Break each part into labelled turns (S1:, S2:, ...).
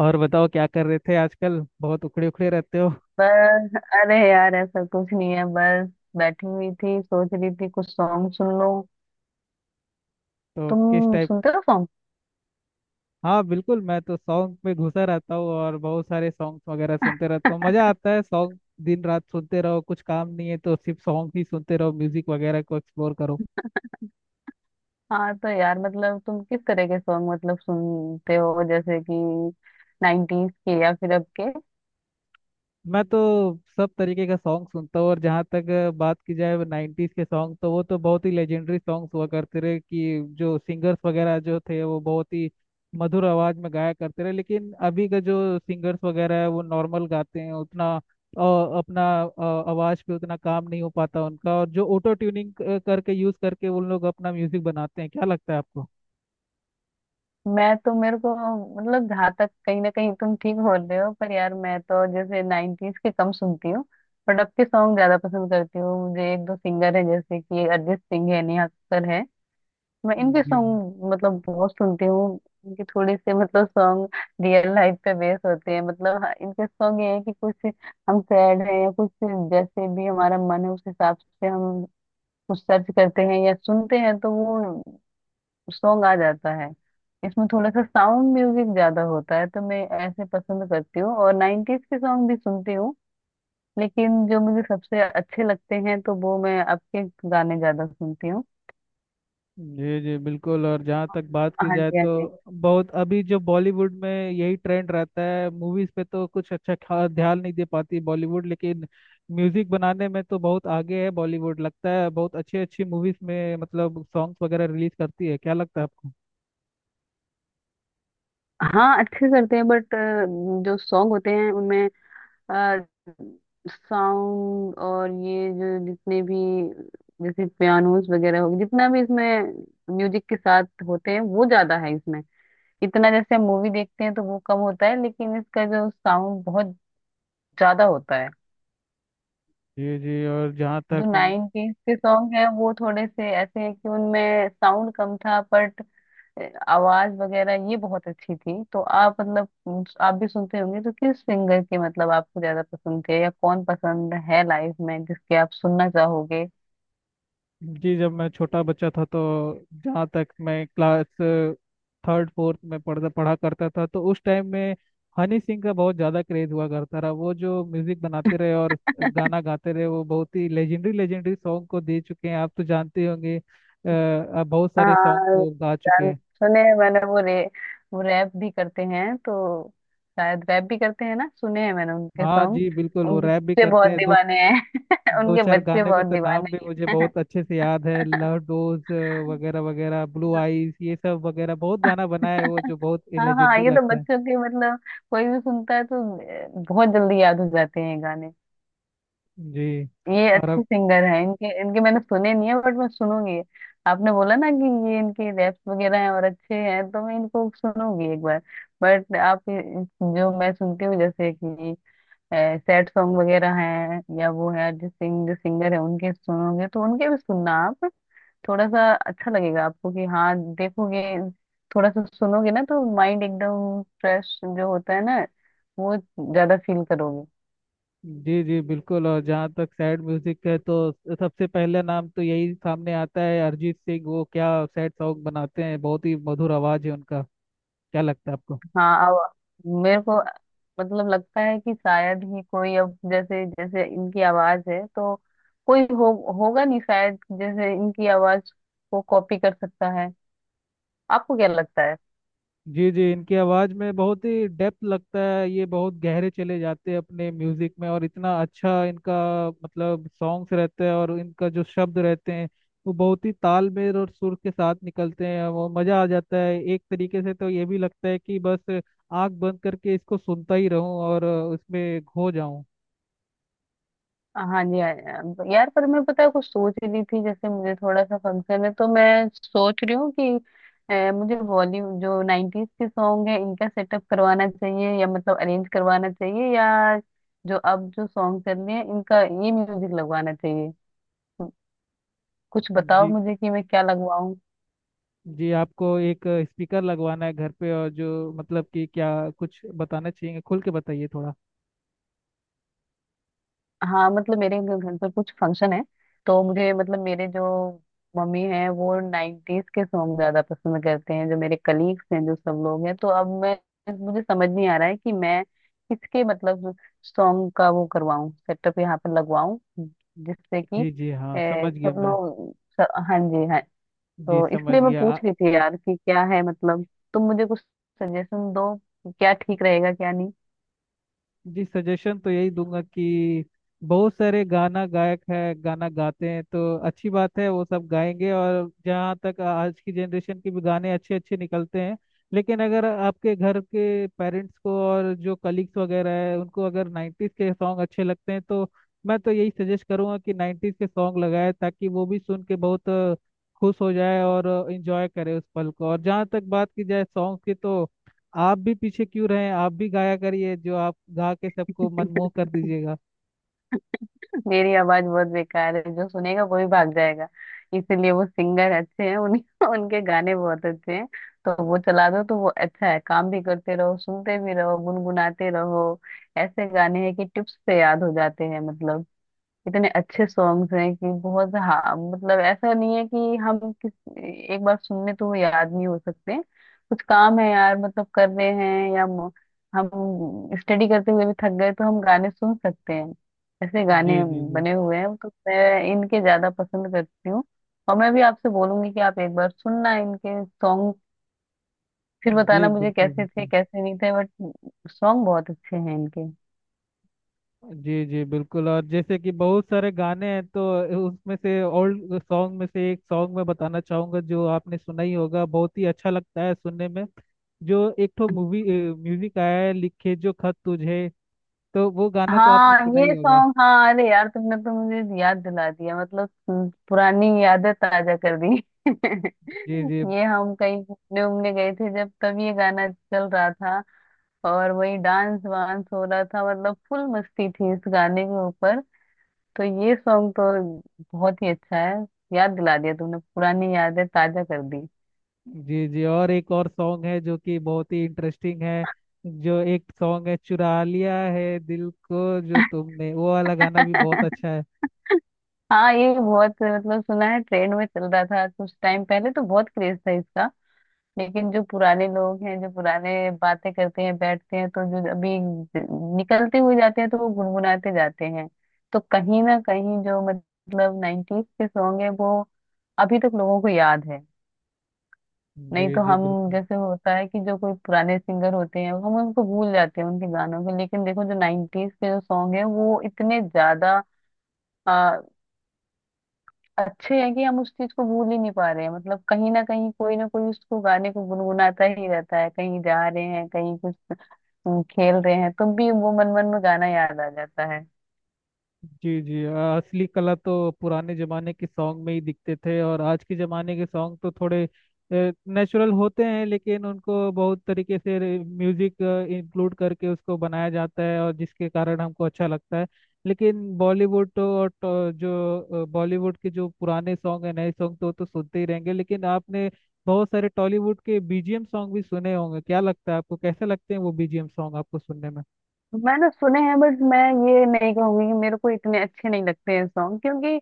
S1: और बताओ क्या कर रहे थे आजकल बहुत उखड़े उखड़े रहते हो।
S2: बस अरे यार ऐसा कुछ नहीं है। बस बैठी हुई थी, सोच रही थी कुछ सॉन्ग सुन लो।
S1: तो किस
S2: तुम
S1: टाइप।
S2: सुनते हो सॉन्ग?
S1: हाँ बिल्कुल, मैं तो सॉन्ग में घुसा रहता हूँ और बहुत सारे सॉन्ग्स वगैरह सुनते रहता हूँ। मजा आता है सॉन्ग। दिन रात सुनते रहो, कुछ काम नहीं है तो सिर्फ सॉन्ग ही सुनते रहो, म्यूजिक वगैरह को एक्सप्लोर करो।
S2: हाँ तो यार, मतलब तुम किस तरह के सॉन्ग मतलब सुनते हो? जैसे कि नाइनटीज के या फिर अब के?
S1: मैं तो सब तरीके का सॉन्ग सुनता हूँ और जहाँ तक बात की जाए नाइन्टीज के सॉन्ग, तो वो तो बहुत ही लेजेंडरी सॉन्ग्स हुआ करते रहे कि जो सिंगर्स वगैरह जो थे वो बहुत ही मधुर आवाज में गाया करते रहे। लेकिन अभी का जो सिंगर्स वगैरह है वो नॉर्मल गाते हैं, उतना अपना आवाज पे उतना काम नहीं हो पाता उनका, और जो ऑटो ट्यूनिंग करके यूज करके उन लोग अपना म्यूजिक बनाते हैं। क्या लगता है आपको।
S2: मैं तो मेरे को मतलब, जहाँ तक कहीं ना कहीं तुम ठीक बोल रहे हो, पर यार मैं तो जैसे नाइनटीज के कम सुनती हूँ बट अब के सॉन्ग ज्यादा पसंद करती हूँ। मुझे एक दो सिंगर है जैसे कि अरिजीत सिंह है, नेहा कक्कड़ है। मैं इनके
S1: जी
S2: सॉन्ग मतलब बहुत सुनती हूँ। इनके थोड़े से मतलब सॉन्ग रियल लाइफ पे बेस होते हैं, मतलब हाँ, इनके सॉन्ग ये है कि कुछ हम सैड हैं या कुछ जैसे भी हमारा मन है उस हिसाब से हम कुछ सर्च करते हैं या सुनते हैं तो वो सॉन्ग आ जाता है। इसमें थोड़ा सा साउंड म्यूजिक ज्यादा होता है तो मैं ऐसे पसंद करती हूँ। और नाइन्टीज के सॉन्ग भी सुनती हूँ लेकिन जो मुझे सबसे अच्छे लगते हैं तो वो मैं अब के गाने ज्यादा सुनती हूँ।
S1: जी। जी बिल्कुल, और जहाँ तक बात की
S2: हाँ
S1: जाए
S2: जी हाँ
S1: तो
S2: जी।
S1: बहुत अभी जो बॉलीवुड में यही ट्रेंड रहता है, मूवीज पे तो कुछ अच्छा खा ध्यान नहीं दे पाती बॉलीवुड, लेकिन म्यूजिक बनाने में तो बहुत आगे है बॉलीवुड, लगता है बहुत अच्छी अच्छी मूवीज में मतलब सॉन्ग्स वगैरह रिलीज करती है। क्या लगता है आपको।
S2: हाँ अच्छे करते हैं बट जो सॉन्ग होते हैं उनमें साउंड और ये जो जितने भी जैसे पियानोस वगैरह हो जितना भी इसमें म्यूजिक के साथ होते हैं वो ज्यादा है इसमें। इतना जैसे हम मूवी देखते हैं तो वो कम होता है लेकिन इसका जो साउंड बहुत ज्यादा होता है।
S1: जी जी। और जहाँ
S2: जो
S1: तक
S2: नाइनटीज के सॉन्ग है वो थोड़े से ऐसे है कि उनमें साउंड कम था बट आवाज वगैरह ये बहुत अच्छी थी। तो आप मतलब आप भी सुनते होंगे तो किस सिंगर की मतलब आपको ज्यादा पसंद थे या कौन पसंद है लाइफ में जिसके आप सुनना चाहोगे?
S1: जी, जब मैं छोटा बच्चा था तो जहाँ तक मैं क्लास थर्ड फोर्थ में पढ़ता पढ़ा करता था तो उस टाइम में हनी सिंह का बहुत ज़्यादा क्रेज हुआ करता रहा। वो जो म्यूजिक बनाते रहे और गाना गाते रहे वो बहुत ही लेजेंडरी लेजेंडरी सॉन्ग को दे चुके हैं। आप तो जानते होंगे, आप बहुत सारे सॉन्ग
S2: हाँ,
S1: को गा चुके
S2: गान
S1: हैं।
S2: सुने हैं मैंने वो रे। वो रैप भी करते हैं तो शायद रैप भी करते हैं ना। सुने हैं मैंने उनके
S1: हाँ
S2: सॉन्ग।
S1: जी बिल्कुल, वो
S2: उनके
S1: रैप भी
S2: बच्चे
S1: करते
S2: बहुत
S1: हैं। दो
S2: दीवाने हैं
S1: दो
S2: उनके
S1: चार
S2: बच्चे
S1: गाने का
S2: बहुत
S1: तो नाम भी
S2: दीवाने
S1: मुझे
S2: हैं।
S1: बहुत अच्छे से याद है, लव डोज वगैरह वगैरह, ब्लू आईज, ये सब वगैरह बहुत गाना बना है वो, जो बहुत
S2: हाँ हाँ,
S1: लेजेंडरी
S2: ये तो
S1: लगता है।
S2: बच्चों के मतलब कोई भी सुनता है तो बहुत जल्दी याद हो जाते हैं गाने।
S1: जी।
S2: ये
S1: और
S2: अच्छे
S1: अब
S2: सिंगर हैं, इनके इनके मैंने सुने नहीं है बट मैं सुनूंगी। आपने बोला ना कि ये इनके रैप्स वगैरह हैं और अच्छे हैं तो मैं इनको सुनूंगी एक बार। बट जो मैं सुनती हूँ जैसे कि सैड सॉन्ग वगैरह हैं या वो है अरिजीत सिंह जो सिंगर है उनके सुनोगे तो उनके भी सुनना आप। थोड़ा सा अच्छा लगेगा आपको कि हाँ, देखोगे। थोड़ा सा सुनोगे ना तो माइंड एकदम फ्रेश जो होता है ना वो ज्यादा फील करोगे।
S1: जी। जी बिल्कुल, और जहाँ तक सैड म्यूजिक है तो सबसे पहला नाम तो यही सामने आता है अरिजीत सिंह। वो क्या सैड सॉन्ग बनाते हैं, बहुत ही मधुर आवाज है उनका। क्या लगता है आपको।
S2: हाँ अब मेरे को मतलब लगता है कि शायद ही कोई अब जैसे जैसे इनकी आवाज है तो कोई हो होगा नहीं शायद जैसे इनकी आवाज को कॉपी कर सकता है। आपको क्या लगता है?
S1: जी जी, इनकी आवाज़ में बहुत ही डेप्थ लगता है, ये बहुत गहरे चले जाते हैं अपने म्यूजिक में, और इतना अच्छा इनका मतलब सॉन्ग्स रहते हैं, और इनका जो शब्द रहते हैं वो बहुत ही तालमेल और सुर के साथ निकलते हैं। वो मज़ा आ जाता है एक तरीके से, तो ये भी लगता है कि बस आंख बंद करके इसको सुनता ही रहूं और उसमें खो जाऊं।
S2: हाँ जी हाँ जी, हाँ। यार पर मैं पता है कुछ सोच ही रही थी, जैसे मुझे थोड़ा सा फंक्शन है तो मैं सोच रही हूँ कि मुझे बॉलीवुड जो नाइन्टीज के सॉन्ग है इनका सेटअप करवाना चाहिए या मतलब अरेंज करवाना चाहिए या जो अब जो सॉन्ग चल रहे हैं इनका ये म्यूजिक लगवाना चाहिए। कुछ बताओ
S1: जी
S2: मुझे कि मैं क्या लगवाऊं।
S1: जी, आपको एक स्पीकर लगवाना है घर पे, और जो मतलब कि क्या कुछ बताना चाहिए, खुल के बताइए थोड़ा।
S2: हाँ मतलब घर पर कुछ फंक्शन है तो मुझे मतलब मेरे जो मम्मी हैं वो नाइन्टीज के सॉन्ग ज्यादा पसंद करते हैं, जो मेरे कलीग्स हैं जो सब लोग हैं तो अब मैं मुझे समझ नहीं आ रहा है कि मैं किसके मतलब सॉन्ग का वो करवाऊं सेटअप यहाँ पर लगवाऊं जिससे कि
S1: जी जी हाँ, समझ गया
S2: सब
S1: मैं।
S2: लोग हाँ जी हाँ।
S1: जी
S2: तो
S1: समझ
S2: इसलिए मैं
S1: गया आ-
S2: पूछ रही थी यार कि क्या है मतलब तुम मुझे कुछ सजेशन दो कि क्या ठीक रहेगा क्या।
S1: जी सजेशन तो यही दूंगा कि बहुत सारे गाना गायक है, गाना गाते हैं तो अच्छी बात है, वो सब गाएंगे। और जहाँ तक आज की जनरेशन के भी गाने अच्छे अच्छे निकलते हैं, लेकिन अगर आपके घर के पेरेंट्स को और जो कलीग्स वगैरह है उनको अगर नाइन्टीज के सॉन्ग अच्छे लगते हैं तो मैं तो यही सजेस्ट करूंगा कि नाइन्टीज के सॉन्ग लगाए, ताकि वो भी सुन के बहुत खुश हो जाए और इंजॉय करे उस पल को। और जहाँ तक बात की जाए सॉन्ग की तो आप भी पीछे क्यों रहे, आप भी गाया करिए, जो आप गा के सबको मनमोह कर दीजिएगा।
S2: मेरी आवाज बहुत बेकार है, जो सुनेगा वो ही भाग जाएगा। इसीलिए वो सिंगर अच्छे हैं उन उनके गाने बहुत अच्छे हैं। तो वो चला दो तो वो अच्छा है, काम भी करते रहो सुनते भी रहो गुनगुनाते रहो। ऐसे गाने हैं कि टिप्स पे याद हो जाते हैं, मतलब इतने अच्छे सॉन्ग्स हैं कि बहुत हाँ मतलब ऐसा नहीं है कि हम किस एक बार सुनने तो वो याद नहीं हो सकते। कुछ काम है यार, मतलब कर रहे हैं हम स्टडी करते हुए भी थक गए तो हम गाने सुन सकते हैं। ऐसे
S1: जी
S2: गाने
S1: जी। जी
S2: बने हुए हैं तो मैं इनके ज्यादा पसंद करती हूँ। और मैं भी आपसे बोलूंगी कि आप एक बार सुनना इनके सॉन्ग, फिर
S1: जी
S2: बताना मुझे
S1: बिल्कुल
S2: कैसे थे
S1: बिल्कुल।
S2: कैसे नहीं थे बट सॉन्ग बहुत अच्छे हैं इनके।
S1: जी जी बिल्कुल, और जैसे कि बहुत सारे गाने हैं तो उसमें से ओल्ड सॉन्ग में से एक सॉन्ग मैं बताना चाहूंगा, जो आपने सुना ही होगा, बहुत ही अच्छा लगता है सुनने में। जो एक तो मूवी म्यूजिक आया है, लिखे जो खत तुझे, तो वो गाना तो आपने
S2: हाँ
S1: सुना ही
S2: ये
S1: होगा।
S2: सॉन्ग, हाँ अरे यार तुमने तो मुझे याद दिला दिया, मतलब तुम पुरानी यादें ताजा कर दी।
S1: जी जी।
S2: ये हम कहीं घूमने उमने गए थे जब तब ये गाना चल रहा था और वही डांस वांस हो रहा था, मतलब फुल मस्ती थी इस गाने के ऊपर। तो ये सॉन्ग तो बहुत ही अच्छा है। याद दिला दिया तुमने पुरानी यादें ताजा कर दी।
S1: जी जी और एक और सॉन्ग है जो कि बहुत ही इंटरेस्टिंग है, जो एक सॉन्ग है चुरा लिया है दिल को जो तुमने, वो वाला गाना भी बहुत अच्छा है।
S2: हाँ ये बहुत मतलब सुना है, ट्रेंड में चल रहा था कुछ टाइम पहले तो बहुत क्रेज था इसका। लेकिन जो पुराने लोग हैं जो पुराने बातें करते हैं बैठते हैं तो जो अभी निकलते हुए जाते हैं तो वो गुनगुनाते जाते हैं। तो कहीं ना कहीं जो मतलब नाइन्टीज के सॉन्ग है वो अभी तक लोगों को याद है। नहीं
S1: जी
S2: तो
S1: जी
S2: हम
S1: बिल्कुल।
S2: जैसे होता है कि जो कोई पुराने सिंगर होते हैं हम उनको भूल जाते हैं उनके गानों को, लेकिन देखो जो नाइन्टीज के जो सॉन्ग है वो इतने ज्यादा आ, अच्छे हैं कि हम उस चीज को भूल ही नहीं पा रहे हैं, मतलब कहीं ना कहीं कोई ना कोई उसको गाने को गुनगुनाता ही रहता है, कहीं जा रहे हैं कहीं कुछ हम खेल रहे हैं तुम भी वो मन मन में गाना याद आ जाता है।
S1: जी जी असली कला तो पुराने जमाने के सॉन्ग में ही दिखते थे, और आज के जमाने के सॉन्ग तो थोड़े नेचुरल होते हैं, लेकिन उनको बहुत तरीके से म्यूजिक इंक्लूड करके उसको बनाया जाता है, और जिसके कारण हमको अच्छा लगता है। लेकिन बॉलीवुड तो, और तो जो बॉलीवुड के जो पुराने सॉन्ग है, नए सॉन्ग तो सुनते ही रहेंगे। लेकिन आपने बहुत सारे टॉलीवुड के बीजीएम सॉन्ग भी सुने होंगे, क्या लगता है आपको, कैसे लगते हैं वो बीजीएम सॉन्ग आपको सुनने में।
S2: मैंने सुने हैं बट मैं ये नहीं कहूंगी कि मेरे को इतने अच्छे नहीं लगते हैं सॉन्ग क्योंकि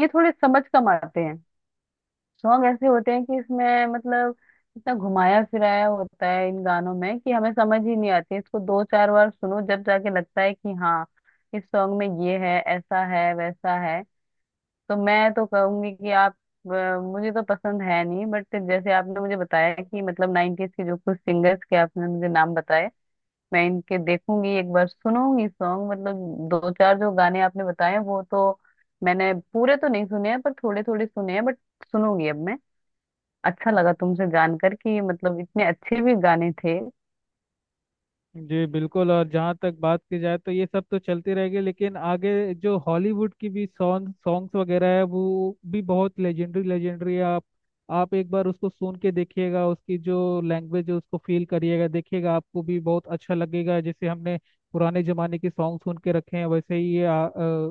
S2: ये थोड़े समझ कम आते हैं। सॉन्ग ऐसे होते हैं कि इसमें मतलब इतना घुमाया फिराया होता है इन गानों में कि हमें समझ ही नहीं आती, इसको दो चार बार सुनो जब जाके लगता है कि हाँ इस सॉन्ग में ये है ऐसा है वैसा है। तो मैं तो कहूंगी कि आप मुझे तो पसंद है नहीं बट जैसे आपने मुझे बताया कि मतलब नाइनटीज के जो कुछ सिंगर्स के आपने मुझे नाम बताए मैं इनके देखूंगी एक बार सुनूंगी सॉन्ग, मतलब दो चार जो गाने आपने बताए वो तो मैंने पूरे तो नहीं सुने हैं पर थोड़े थोड़े सुने हैं बट सुनूंगी अब मैं। अच्छा लगा तुमसे जानकर कि मतलब इतने अच्छे भी गाने थे।
S1: जी बिल्कुल, और जहाँ तक बात की जाए तो ये सब तो चलती रहेगी, लेकिन आगे जो हॉलीवुड की भी सॉन्ग सॉन्ग्स वगैरह है वो भी बहुत लेजेंडरी लेजेंडरी है। आप एक बार उसको सुन के देखिएगा, उसकी जो लैंग्वेज है उसको फील करिएगा, देखिएगा आपको भी बहुत अच्छा लगेगा। जैसे हमने पुराने जमाने के सॉन्ग सुन के रखे हैं वैसे ही ये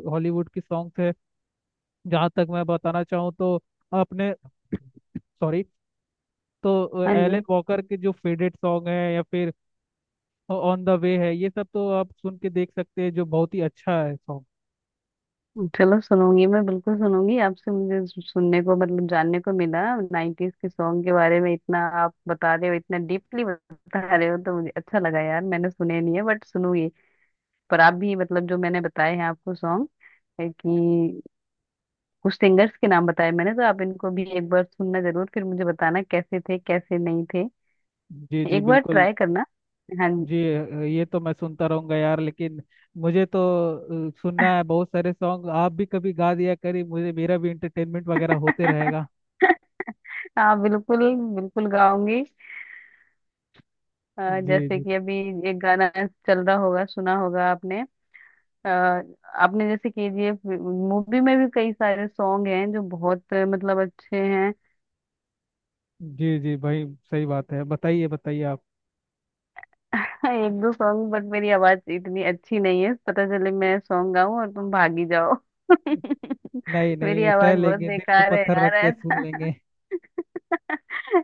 S1: हॉलीवुड की सॉन्ग्स है। जहाँ तक मैं बताना चाहूँ तो अपने सॉरी, तो
S2: हाँ
S1: एलन
S2: जी।
S1: वॉकर के जो फेवरेट सॉन्ग है या फिर ऑन द वे है, ये सब तो आप सुन के देख सकते हैं, जो बहुत ही अच्छा है सॉन्ग।
S2: चलो सुनूंगी मैं बिल्कुल सुनूंगी, आपसे मुझे सुनने को मतलब जानने को मिला नाइन्टीज के सॉन्ग के बारे में। इतना आप बता रहे हो इतना डीपली बता रहे हो तो मुझे अच्छा लगा यार, मैंने सुने नहीं है बट सुनूंगी। पर आप भी मतलब जो मैंने बताए हैं आपको सॉन्ग, कि कुछ सिंगर्स के नाम बताए मैंने, तो आप इनको भी एक बार सुनना जरूर फिर मुझे बताना कैसे थे कैसे नहीं थे।
S1: जी जी
S2: एक बार
S1: बिल्कुल।
S2: ट्राई करना। हाँ जी।
S1: जी ये तो मैं सुनता रहूंगा यार, लेकिन मुझे तो सुनना है बहुत सारे सॉन्ग, आप भी कभी गा दिया करिए, मुझे मेरा भी इंटरटेनमेंट वगैरह होते रहेगा।
S2: हाँ बिल्कुल, बिल्कुल गाऊंगी।
S1: जी
S2: जैसे
S1: जी।
S2: कि अभी एक गाना चल रहा होगा, सुना होगा आपने। आपने जैसे केजीएफ मूवी में भी कई सारे सॉन्ग हैं जो बहुत मतलब अच्छे हैं।
S1: जी जी भाई, सही बात है, बताइए बताइए आप।
S2: एक दो सॉन्ग बट मेरी आवाज इतनी अच्छी नहीं है, पता चले मैं सॉन्ग गाऊं और तुम भागी जाओ।
S1: नहीं
S2: मेरी
S1: नहीं, सह
S2: आवाज बहुत
S1: लेंगे दिल पे
S2: बेकार है
S1: पत्थर
S2: यार,
S1: रख के सुन
S2: ऐसा
S1: लेंगे।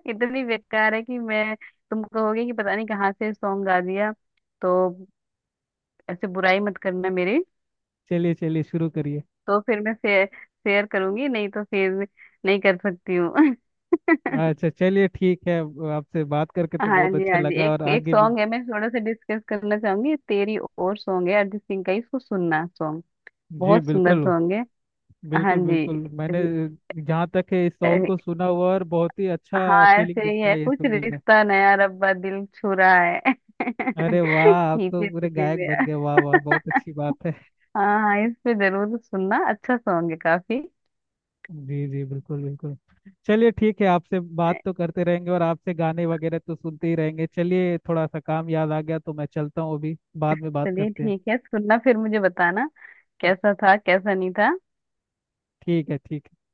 S2: इतनी बेकार है कि मैं तुम कहोगे कि पता नहीं कहाँ से सॉन्ग गा दिया। तो ऐसे बुराई मत करना मेरी।
S1: चलिए चलिए शुरू करिए।
S2: तो फिर मैं शेयर शेयर करूंगी, नहीं तो फिर नहीं कर सकती हूँ।
S1: अच्छा चलिए ठीक है, आपसे बात करके तो
S2: हाँ
S1: बहुत
S2: जी
S1: अच्छा
S2: हाँ जी,
S1: लगा,
S2: एक
S1: और
S2: एक
S1: आगे भी
S2: सॉन्ग है मैं थोड़ा सा डिस्कस करना चाहूंगी तेरी और सॉन्ग है अरिजीत सिंह का, इसको सुनना सॉन्ग,
S1: जी
S2: बहुत सुंदर
S1: बिल्कुल
S2: सॉन्ग है। हाँ
S1: बिल्कुल
S2: जी
S1: बिल्कुल। मैंने
S2: रि-
S1: जहाँ तक है इस
S2: अ,
S1: सॉन्ग को सुना हुआ, और बहुत ही अच्छा
S2: हाँ
S1: फीलिंग
S2: ऐसे ही
S1: देता
S2: है
S1: है ये
S2: कुछ
S1: सुनने में।
S2: रिश्ता नया रब्बा दिल छू रहा है
S1: अरे वाह, आप तो
S2: खींचे
S1: पूरे
S2: तुझे
S1: गायक बन
S2: मेरा।
S1: गए, वाह वाह, बहुत अच्छी बात है।
S2: हाँ हाँ, इस पे जरूर सुनना, अच्छा सॉन्ग है काफी।
S1: जी जी बिल्कुल बिल्कुल। चलिए ठीक है, आपसे बात तो करते रहेंगे और आपसे गाने वगैरह तो सुनते ही रहेंगे। चलिए थोड़ा सा काम याद आ गया तो मैं चलता हूँ अभी, बाद में बात
S2: चलिए
S1: करते हैं।
S2: ठीक है, सुनना फिर मुझे बताना कैसा था कैसा नहीं था।
S1: ठीक है ठीक है।